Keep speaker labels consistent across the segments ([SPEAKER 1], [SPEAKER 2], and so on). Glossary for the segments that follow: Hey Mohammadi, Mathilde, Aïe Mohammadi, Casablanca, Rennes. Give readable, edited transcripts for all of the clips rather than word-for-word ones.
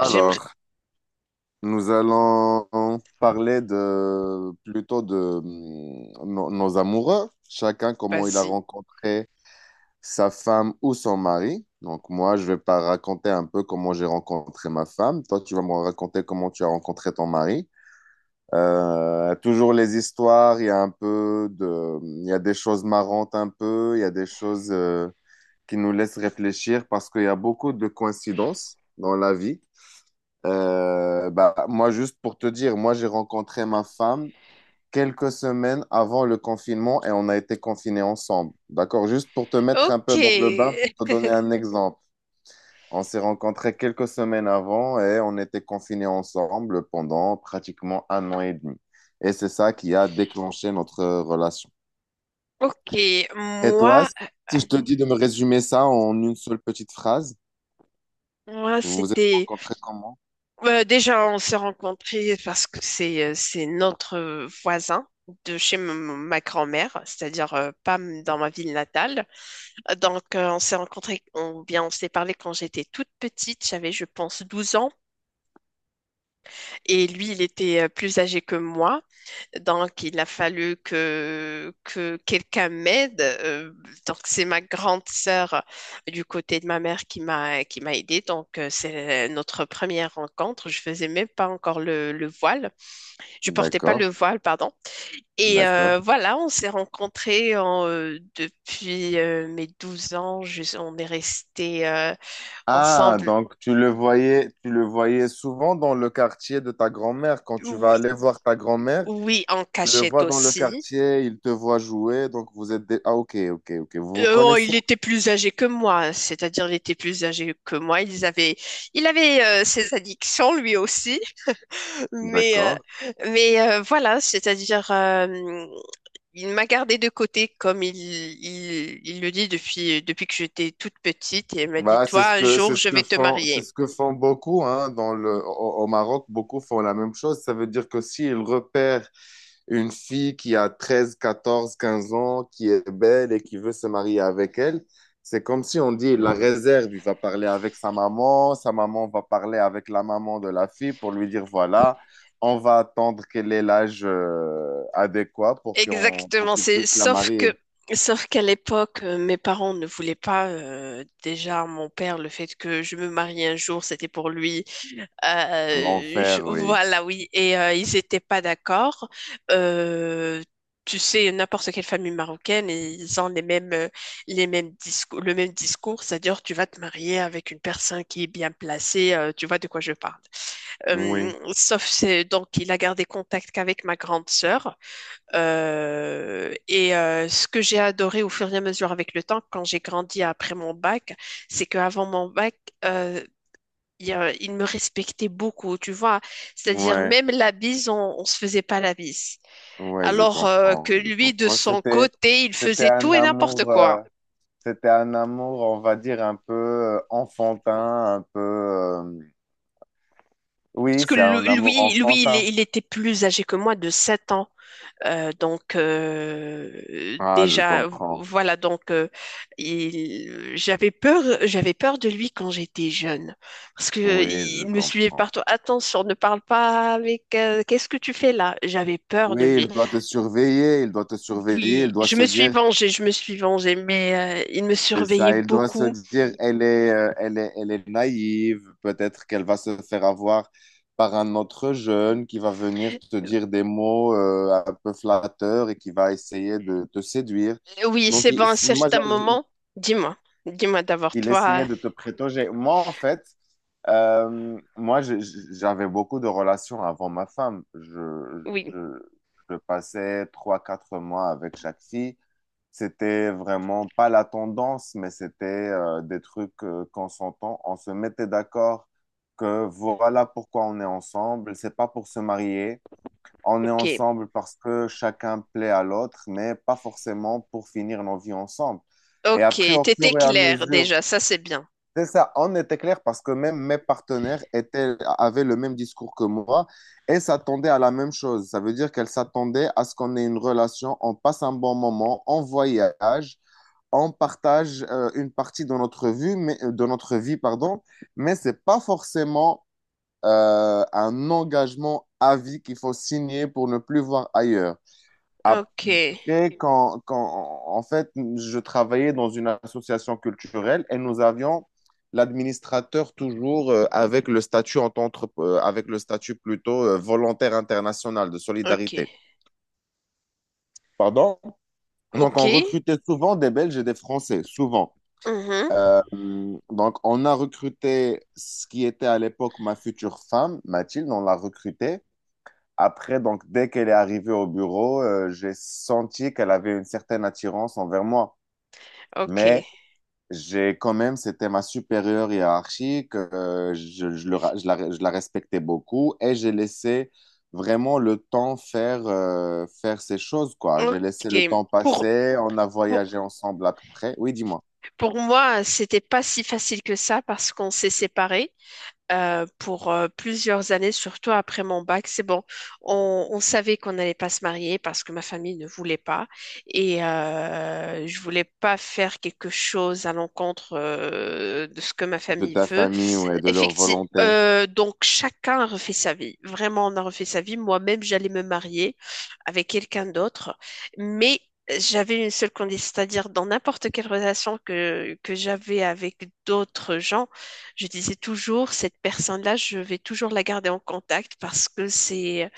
[SPEAKER 1] J'aimerais.
[SPEAKER 2] nous allons parler de plutôt de nos amoureux, chacun comment il a
[SPEAKER 1] Vas-y.
[SPEAKER 2] rencontré sa femme ou son mari. Donc moi, je vais pas raconter un peu comment j'ai rencontré ma femme. Toi, tu vas me raconter comment tu as rencontré ton mari. Toujours les histoires, il y a des choses marrantes un peu, il y a des choses qui nous laissent réfléchir parce qu'il y a beaucoup de coïncidences dans la vie. Moi, juste pour te dire, moi, j'ai rencontré ma femme quelques semaines avant le confinement et on a été confinés ensemble. D'accord? Juste pour te mettre un
[SPEAKER 1] Ok.
[SPEAKER 2] peu dans le bain, pour te donner un exemple. On s'est rencontrés quelques semaines avant et on était confinés ensemble pendant pratiquement un an et demi. Et c'est ça qui a déclenché notre relation.
[SPEAKER 1] Ok.
[SPEAKER 2] Et toi,
[SPEAKER 1] Moi,
[SPEAKER 2] si je te dis de me résumer ça en une seule petite phrase,
[SPEAKER 1] moi,
[SPEAKER 2] vous vous êtes
[SPEAKER 1] c'était.
[SPEAKER 2] rencontrés comment?
[SPEAKER 1] Déjà, on s'est rencontrés parce que c'est notre voisin de chez ma grand-mère, c'est-à-dire pas dans ma ville natale. Donc, on s'est rencontrés, bien, on s'est parlé quand j'étais toute petite. J'avais, je pense, 12 ans. Et lui, il était plus âgé que moi. Donc, il a fallu que quelqu'un m'aide. Donc, c'est ma grande sœur du côté de ma mère qui m'a aidée. Donc, c'est notre première rencontre. Je faisais même pas encore le voile. Je portais pas le
[SPEAKER 2] D'accord,
[SPEAKER 1] voile, pardon. Et
[SPEAKER 2] d'accord.
[SPEAKER 1] euh, voilà, on s'est rencontrés depuis mes 12 ans. On est restés
[SPEAKER 2] Ah,
[SPEAKER 1] ensemble.
[SPEAKER 2] donc tu le voyais souvent dans le quartier de ta grand-mère. Quand tu vas
[SPEAKER 1] Oui,
[SPEAKER 2] aller voir ta grand-mère,
[SPEAKER 1] oui, en
[SPEAKER 2] tu le
[SPEAKER 1] cachette
[SPEAKER 2] vois dans le
[SPEAKER 1] aussi.
[SPEAKER 2] quartier, il te voit jouer, donc vous êtes des... Ah, ok, ok, ok. Vous vous
[SPEAKER 1] Oh,
[SPEAKER 2] connaissez.
[SPEAKER 1] il était plus âgé que moi, c'est-à-dire il était plus âgé que moi. Il avait ses addictions lui aussi, mais, euh,
[SPEAKER 2] D'accord.
[SPEAKER 1] mais, voilà, c'est-à-dire il m'a gardé de côté comme il le dit depuis que j'étais toute petite et il m'a dit,
[SPEAKER 2] Bah,
[SPEAKER 1] toi, un
[SPEAKER 2] c'est
[SPEAKER 1] jour,
[SPEAKER 2] ce
[SPEAKER 1] je
[SPEAKER 2] que
[SPEAKER 1] vais te
[SPEAKER 2] font c'est
[SPEAKER 1] marier.
[SPEAKER 2] ce que font beaucoup, hein, dans le au Maroc, beaucoup font la même chose. Ça veut dire que s'ils repèrent une fille qui a 13 14 15 ans, qui est belle et qui veut se marier avec elle, c'est comme si on dit il la réserve. Il va parler avec sa maman, sa maman va parler avec la maman de la fille pour lui dire voilà, on va attendre qu'elle ait l'âge adéquat pour qu'on pour
[SPEAKER 1] Exactement,
[SPEAKER 2] qu'on
[SPEAKER 1] c'est
[SPEAKER 2] puisse la
[SPEAKER 1] sauf
[SPEAKER 2] marier.
[SPEAKER 1] que sauf qu'à l'époque, mes parents ne voulaient pas. Déjà, mon père, le fait que je me marie un jour, c'était pour lui.
[SPEAKER 2] L'enfer, oui.
[SPEAKER 1] Voilà, oui. Et ils n'étaient pas d'accord. Euh, Tu sais, n'importe quelle famille marocaine, ils ont le même discours, c'est-à-dire tu vas te marier avec une personne qui est bien placée, tu vois de quoi je parle.
[SPEAKER 2] Oui.
[SPEAKER 1] Sauf c'est donc il a gardé contact qu'avec ma grande sœur. Et ce que j'ai adoré au fur et à mesure avec le temps, quand j'ai grandi après mon bac, c'est qu'avant mon bac, euh, il me respectait beaucoup, tu vois. C'est-à-dire,
[SPEAKER 2] Ouais.
[SPEAKER 1] même la bise, on se faisait pas la bise.
[SPEAKER 2] Ouais, je
[SPEAKER 1] Alors que
[SPEAKER 2] comprends, je
[SPEAKER 1] lui, de
[SPEAKER 2] comprends.
[SPEAKER 1] son côté, il
[SPEAKER 2] C'était
[SPEAKER 1] faisait
[SPEAKER 2] un
[SPEAKER 1] tout et n'importe
[SPEAKER 2] amour,
[SPEAKER 1] quoi.
[SPEAKER 2] c'était un amour, on va dire un peu enfantin, un peu. Oui,
[SPEAKER 1] Parce que
[SPEAKER 2] c'est un amour enfantin.
[SPEAKER 1] il était plus âgé que moi de 7 ans. Donc
[SPEAKER 2] Ah, je
[SPEAKER 1] déjà
[SPEAKER 2] comprends.
[SPEAKER 1] voilà donc il- j'avais peur de lui quand j'étais jeune, parce que
[SPEAKER 2] Oui, je
[SPEAKER 1] il me suivait
[SPEAKER 2] comprends.
[SPEAKER 1] partout. Attention, ne parle pas avec, qu'est-ce que tu fais là? J'avais peur de
[SPEAKER 2] Oui, il
[SPEAKER 1] lui.
[SPEAKER 2] doit te surveiller, il doit te surveiller, il
[SPEAKER 1] Oui,
[SPEAKER 2] doit
[SPEAKER 1] je
[SPEAKER 2] se
[SPEAKER 1] me suis
[SPEAKER 2] dire,
[SPEAKER 1] vengée, je me suis vengée, mais il me
[SPEAKER 2] c'est
[SPEAKER 1] surveillait
[SPEAKER 2] ça, elle doit se
[SPEAKER 1] beaucoup.
[SPEAKER 2] dire, elle est naïve, peut-être qu'elle va se faire avoir par un autre jeune qui va venir te dire des mots un peu flatteurs et qui va essayer de te séduire.
[SPEAKER 1] Oui,
[SPEAKER 2] Donc,
[SPEAKER 1] c'est bon, à un certain moment. Dis-moi, dis-moi d'abord,
[SPEAKER 2] il
[SPEAKER 1] toi.
[SPEAKER 2] essayait de te prétoger. Moi, en fait, moi, j'avais beaucoup de relations avant ma femme.
[SPEAKER 1] Oui,
[SPEAKER 2] Je passais trois, quatre mois avec chaque fille. C'était vraiment pas la tendance, mais c'était des trucs qu'on s'entend. On se mettait d'accord que voilà pourquoi on est ensemble. C'est pas pour se marier. On est
[SPEAKER 1] ok.
[SPEAKER 2] ensemble parce que chacun plaît à l'autre, mais pas forcément pour finir nos vies ensemble. Et
[SPEAKER 1] Ok,
[SPEAKER 2] après, au
[SPEAKER 1] t'étais
[SPEAKER 2] fur et à
[SPEAKER 1] claire
[SPEAKER 2] mesure,
[SPEAKER 1] déjà, ça c'est bien.
[SPEAKER 2] c'est ça, on était clair parce que même mes partenaires étaient, avaient le même discours que moi et s'attendaient à la même chose. Ça veut dire qu'elles s'attendaient à ce qu'on ait une relation, on passe un bon moment, on voyage, on partage une partie de notre vie, mais, de notre vie, pardon, mais ce n'est pas forcément un engagement à vie qu'il faut signer pour ne plus voir ailleurs.
[SPEAKER 1] Ok,
[SPEAKER 2] Après, en fait, je travaillais dans une association culturelle et nous avions l'administrateur toujours avec le statut plutôt volontaire international de
[SPEAKER 1] ok,
[SPEAKER 2] solidarité. Pardon? Donc,
[SPEAKER 1] ok,
[SPEAKER 2] on recrutait souvent des Belges et des Français, souvent.
[SPEAKER 1] mhm,
[SPEAKER 2] Donc, on a recruté ce qui était à l'époque ma future femme, Mathilde, on l'a recrutée. Après, donc, dès qu'elle est arrivée au bureau, j'ai senti qu'elle avait une certaine attirance envers moi.
[SPEAKER 1] ok,
[SPEAKER 2] Mais j'ai quand même, c'était ma supérieure hiérarchique, je le ra- je la respectais beaucoup et j'ai laissé vraiment le temps faire, faire ces choses, quoi. J'ai laissé le
[SPEAKER 1] ok.
[SPEAKER 2] temps passer, on a
[SPEAKER 1] Pour,
[SPEAKER 2] voyagé ensemble après. Oui, dis-moi,
[SPEAKER 1] pour moi, c'était pas si facile que ça parce qu'on s'est séparés. Pour plusieurs années, surtout après mon bac. C'est bon, on savait qu'on n'allait pas se marier parce que ma famille ne voulait pas, et je voulais pas faire quelque chose à l'encontre de ce que ma
[SPEAKER 2] de
[SPEAKER 1] famille
[SPEAKER 2] ta
[SPEAKER 1] veut.
[SPEAKER 2] famille ou de leur
[SPEAKER 1] Effectivement,
[SPEAKER 2] volonté.
[SPEAKER 1] donc chacun a refait sa vie. Vraiment, on a refait sa vie. Moi-même, j'allais me marier avec quelqu'un d'autre, mais j'avais une seule condition, c'est-à-dire dans n'importe quelle relation que j'avais avec d'autres gens, je disais toujours, cette personne-là, je vais toujours la garder en contact, parce que c'est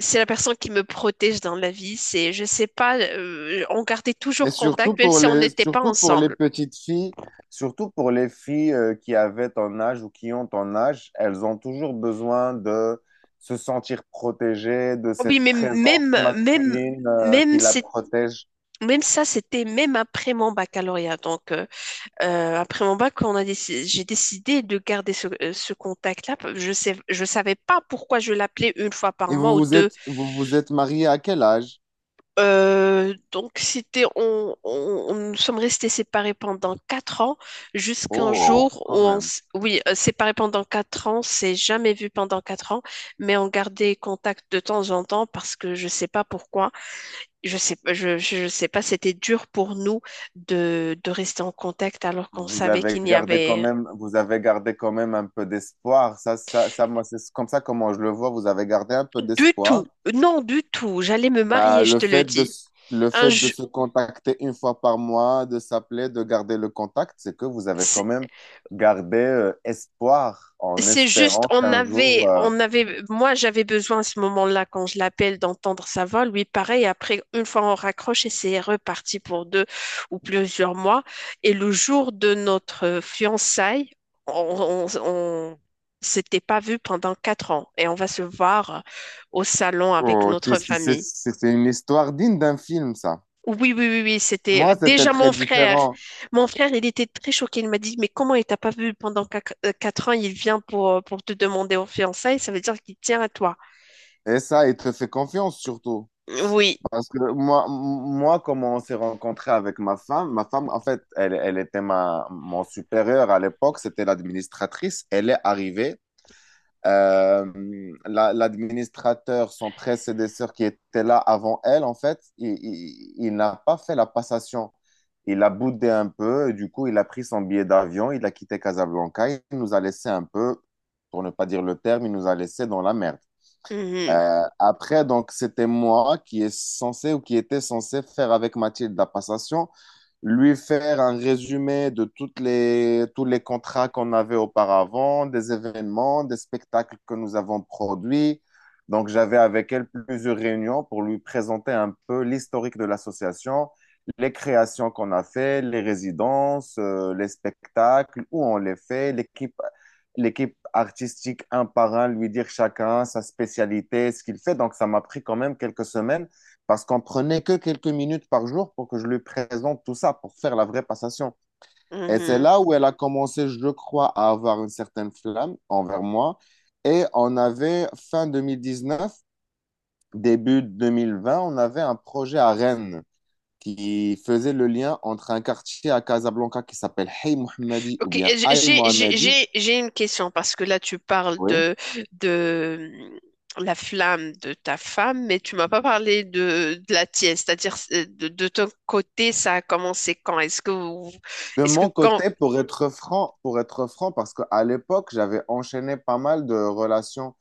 [SPEAKER 1] c'est la personne qui me protège dans la vie. C'est, je sais pas, on gardait
[SPEAKER 2] Et
[SPEAKER 1] toujours
[SPEAKER 2] surtout
[SPEAKER 1] contact, même si on n'était pas
[SPEAKER 2] surtout pour les
[SPEAKER 1] ensemble.
[SPEAKER 2] petites filles, surtout pour les filles qui avaient ton âge ou qui ont ton âge, elles ont toujours besoin de se sentir protégées, de
[SPEAKER 1] Oh oui,
[SPEAKER 2] cette
[SPEAKER 1] mais
[SPEAKER 2] présence masculine qui
[SPEAKER 1] même,
[SPEAKER 2] la
[SPEAKER 1] c'est,
[SPEAKER 2] protège.
[SPEAKER 1] même ça, c'était même après mon baccalauréat. Donc, après mon bac, j'ai décidé de garder ce contact-là. Je savais pas pourquoi je l'appelais une fois par
[SPEAKER 2] Et
[SPEAKER 1] mois ou deux.
[SPEAKER 2] vous vous êtes marié à quel âge?
[SPEAKER 1] Donc, c'était, nous sommes restés séparés pendant 4 ans, jusqu'un
[SPEAKER 2] Oh,
[SPEAKER 1] jour où
[SPEAKER 2] quand même.
[SPEAKER 1] oui, séparés pendant quatre ans, c'est jamais vu pendant 4 ans, mais on gardait contact de temps en temps parce que je sais pas pourquoi, je sais pas, c'était dur pour nous de rester en contact alors qu'on
[SPEAKER 2] Vous
[SPEAKER 1] savait
[SPEAKER 2] avez
[SPEAKER 1] qu'il n'y
[SPEAKER 2] gardé quand
[SPEAKER 1] avait
[SPEAKER 2] même, vous avez gardé quand même un peu d'espoir. Moi, c'est comme ça comment je le vois. Vous avez gardé un peu
[SPEAKER 1] du
[SPEAKER 2] d'espoir.
[SPEAKER 1] tout. Non, du tout, j'allais me
[SPEAKER 2] Bah,
[SPEAKER 1] marier, je te le dis.
[SPEAKER 2] le
[SPEAKER 1] Un,
[SPEAKER 2] fait de
[SPEAKER 1] ju-
[SPEAKER 2] se contacter une fois par mois, de s'appeler, de garder le contact, c'est que vous avez quand même gardé espoir en
[SPEAKER 1] C'est juste,
[SPEAKER 2] espérant qu'un jour...
[SPEAKER 1] moi j'avais besoin à ce moment-là, quand je l'appelle, d'entendre sa voix. Lui, pareil, après, une fois on raccroche et c'est reparti pour deux ou plusieurs mois. Et le jour de notre fiançailles, on s'était pas vu pendant 4 ans et on va se voir au salon avec
[SPEAKER 2] Oh,
[SPEAKER 1] notre famille.
[SPEAKER 2] c'est une histoire digne d'un film, ça.
[SPEAKER 1] Oui, oui, oui, oui, c'était
[SPEAKER 2] Moi, c'était
[SPEAKER 1] déjà
[SPEAKER 2] très
[SPEAKER 1] mon frère.
[SPEAKER 2] différent.
[SPEAKER 1] Mon frère, il était très choqué. Il m'a dit, mais comment il t'a pas vu pendant 4 ans? Il vient pour te demander en fiançailles. Ça veut dire qu'il tient à toi.
[SPEAKER 2] Et ça, il te fait confiance surtout.
[SPEAKER 1] Oui.
[SPEAKER 2] Parce que moi, comment on s'est rencontré avec ma femme, en fait, elle, elle était mon supérieur à l'époque, c'était l'administratrice. Elle est arrivée. Euh, L'administrateur, son prédécesseur qui était là avant elle, en fait, il n'a pas fait la passation. Il a boudé un peu, et du coup, il a pris son billet d'avion, il a quitté Casablanca, il nous a laissé un peu, pour ne pas dire le terme, il nous a laissé dans la merde.
[SPEAKER 1] Mhm,
[SPEAKER 2] Après, donc, c'était moi qui était censé faire avec Mathilde la passation, lui faire un résumé de tous les contrats qu'on avait auparavant, des événements, des spectacles que nous avons produits. Donc, j'avais avec elle plusieurs réunions pour lui présenter un peu l'historique de l'association, les créations qu'on a fait, les résidences, les spectacles, où on les fait, l'équipe artistique un par un, lui dire chacun sa spécialité, ce qu'il fait. Donc, ça m'a pris quand même quelques semaines parce qu'on prenait que quelques minutes par jour pour que je lui présente tout ça, pour faire la vraie passation. Et c'est
[SPEAKER 1] mhm.
[SPEAKER 2] là où elle a commencé, je crois, à avoir une certaine flamme envers moi. Et on avait, fin 2019, début 2020, on avait un projet à Rennes qui faisait le lien entre un quartier à Casablanca qui s'appelle Hey Mohammadi ou
[SPEAKER 1] Ok,
[SPEAKER 2] bien Aïe
[SPEAKER 1] j'ai, j'ai,
[SPEAKER 2] Mohammadi,
[SPEAKER 1] j'ai, j'ai une question parce que là, tu parles
[SPEAKER 2] oui.
[SPEAKER 1] de la flamme de ta femme, mais tu m'as pas parlé de la tienne. C'est-à-dire, de ton côté, ça a commencé quand?
[SPEAKER 2] De
[SPEAKER 1] Est-ce que
[SPEAKER 2] mon
[SPEAKER 1] quand?
[SPEAKER 2] côté, pour être franc, parce qu'à l'époque, j'avais enchaîné pas mal de relations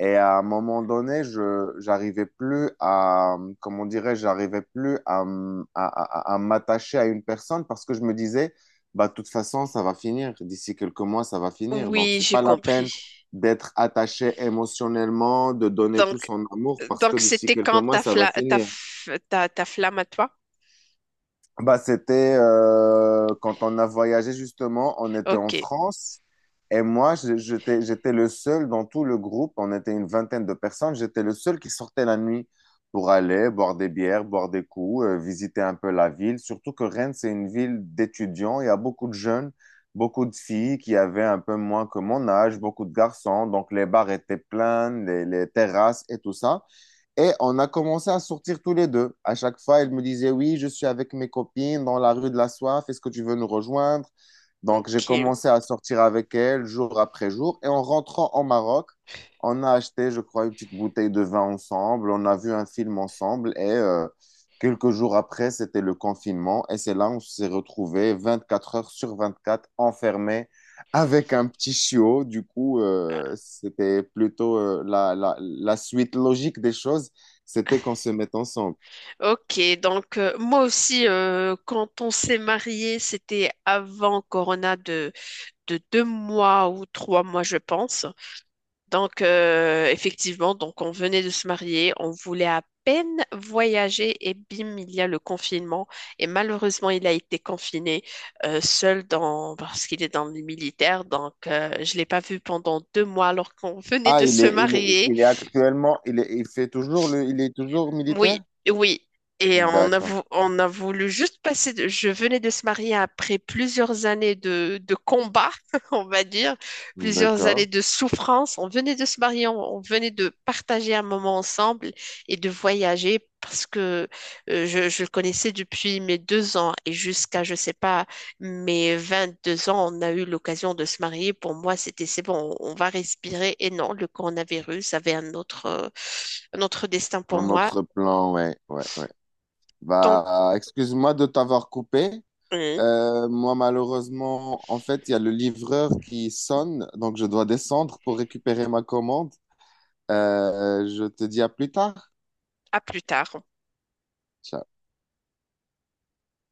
[SPEAKER 2] et à un moment donné, j'arrivais plus à, comment dirais, j'arrivais plus à, à m'attacher à une personne parce que je me disais, bah, de toute façon, ça va finir. D'ici quelques mois, ça va finir. Donc,
[SPEAKER 1] Oui,
[SPEAKER 2] c'est
[SPEAKER 1] j'ai
[SPEAKER 2] pas la peine
[SPEAKER 1] compris.
[SPEAKER 2] d'être attaché émotionnellement, de donner tout
[SPEAKER 1] Donc,
[SPEAKER 2] son amour parce que
[SPEAKER 1] Donc,
[SPEAKER 2] d'ici
[SPEAKER 1] c'était
[SPEAKER 2] quelques
[SPEAKER 1] quand
[SPEAKER 2] mois,
[SPEAKER 1] ta,
[SPEAKER 2] ça va
[SPEAKER 1] fla- ta,
[SPEAKER 2] finir.
[SPEAKER 1] f- ta- ta flamme à toi?
[SPEAKER 2] Bah, c'était quand on a voyagé justement, on était en
[SPEAKER 1] Ok,
[SPEAKER 2] France et moi, j'étais le seul dans tout le groupe, on était une vingtaine de personnes, j'étais le seul qui sortait la nuit pour aller boire des bières, boire des coups, visiter un peu la ville. Surtout que Rennes, c'est une ville d'étudiants, il y a beaucoup de jeunes, beaucoup de filles qui avaient un peu moins que mon âge, beaucoup de garçons, donc les bars étaient pleins, les terrasses et tout ça. Et on a commencé à sortir tous les deux. À chaque fois, elle me disait, oui, je suis avec mes copines dans la rue de la Soif, est-ce que tu veux nous rejoindre? Donc, j'ai
[SPEAKER 1] ok,
[SPEAKER 2] commencé à sortir avec elle jour après jour. Et en rentrant au Maroc, on a acheté, je crois, une petite bouteille de vin ensemble, on a vu un film ensemble et quelques jours après, c'était le confinement. Et c'est là où on s'est retrouvés 24 heures sur 24 enfermés avec un petit chiot. Du coup, c'était plutôt la suite logique des choses, c'était qu'on se mette ensemble.
[SPEAKER 1] ok. Donc, moi aussi, quand on s'est marié, c'était avant Corona de 2 mois ou 3 mois, je pense. Donc, effectivement, donc on venait de se marier, on voulait à peine voyager et bim, il y a le confinement. Et malheureusement, il a été confiné seul parce qu'il est dans le militaire. Donc, je ne l'ai pas vu pendant 2 mois alors qu'on venait
[SPEAKER 2] Ah,
[SPEAKER 1] de se marier.
[SPEAKER 2] il est actuellement, il fait toujours le, il est toujours militaire?
[SPEAKER 1] Oui, oui. Et
[SPEAKER 2] D'accord,
[SPEAKER 1] on a voulu juste passer. Je venais de se marier après plusieurs années de combat, on va dire, plusieurs années
[SPEAKER 2] d'accord.
[SPEAKER 1] de souffrance. On venait de se marier, on venait de partager un moment ensemble et de voyager parce que je le connaissais depuis mes 2 ans et jusqu'à, je sais pas, mes 22 ans, on a eu l'occasion de se marier. Pour moi, c'était, c'est bon, on va respirer. Et non, le coronavirus avait un autre. Notre destin pour
[SPEAKER 2] Un
[SPEAKER 1] moi.
[SPEAKER 2] autre plan, ouais, ouais, ouais.
[SPEAKER 1] Donc,
[SPEAKER 2] Bah, excuse-moi de t'avoir coupé.
[SPEAKER 1] hum,
[SPEAKER 2] Moi, malheureusement, en fait, il y a le livreur qui sonne, donc je dois descendre pour récupérer ma commande. Je te dis à plus tard.
[SPEAKER 1] à plus tard.
[SPEAKER 2] Ciao.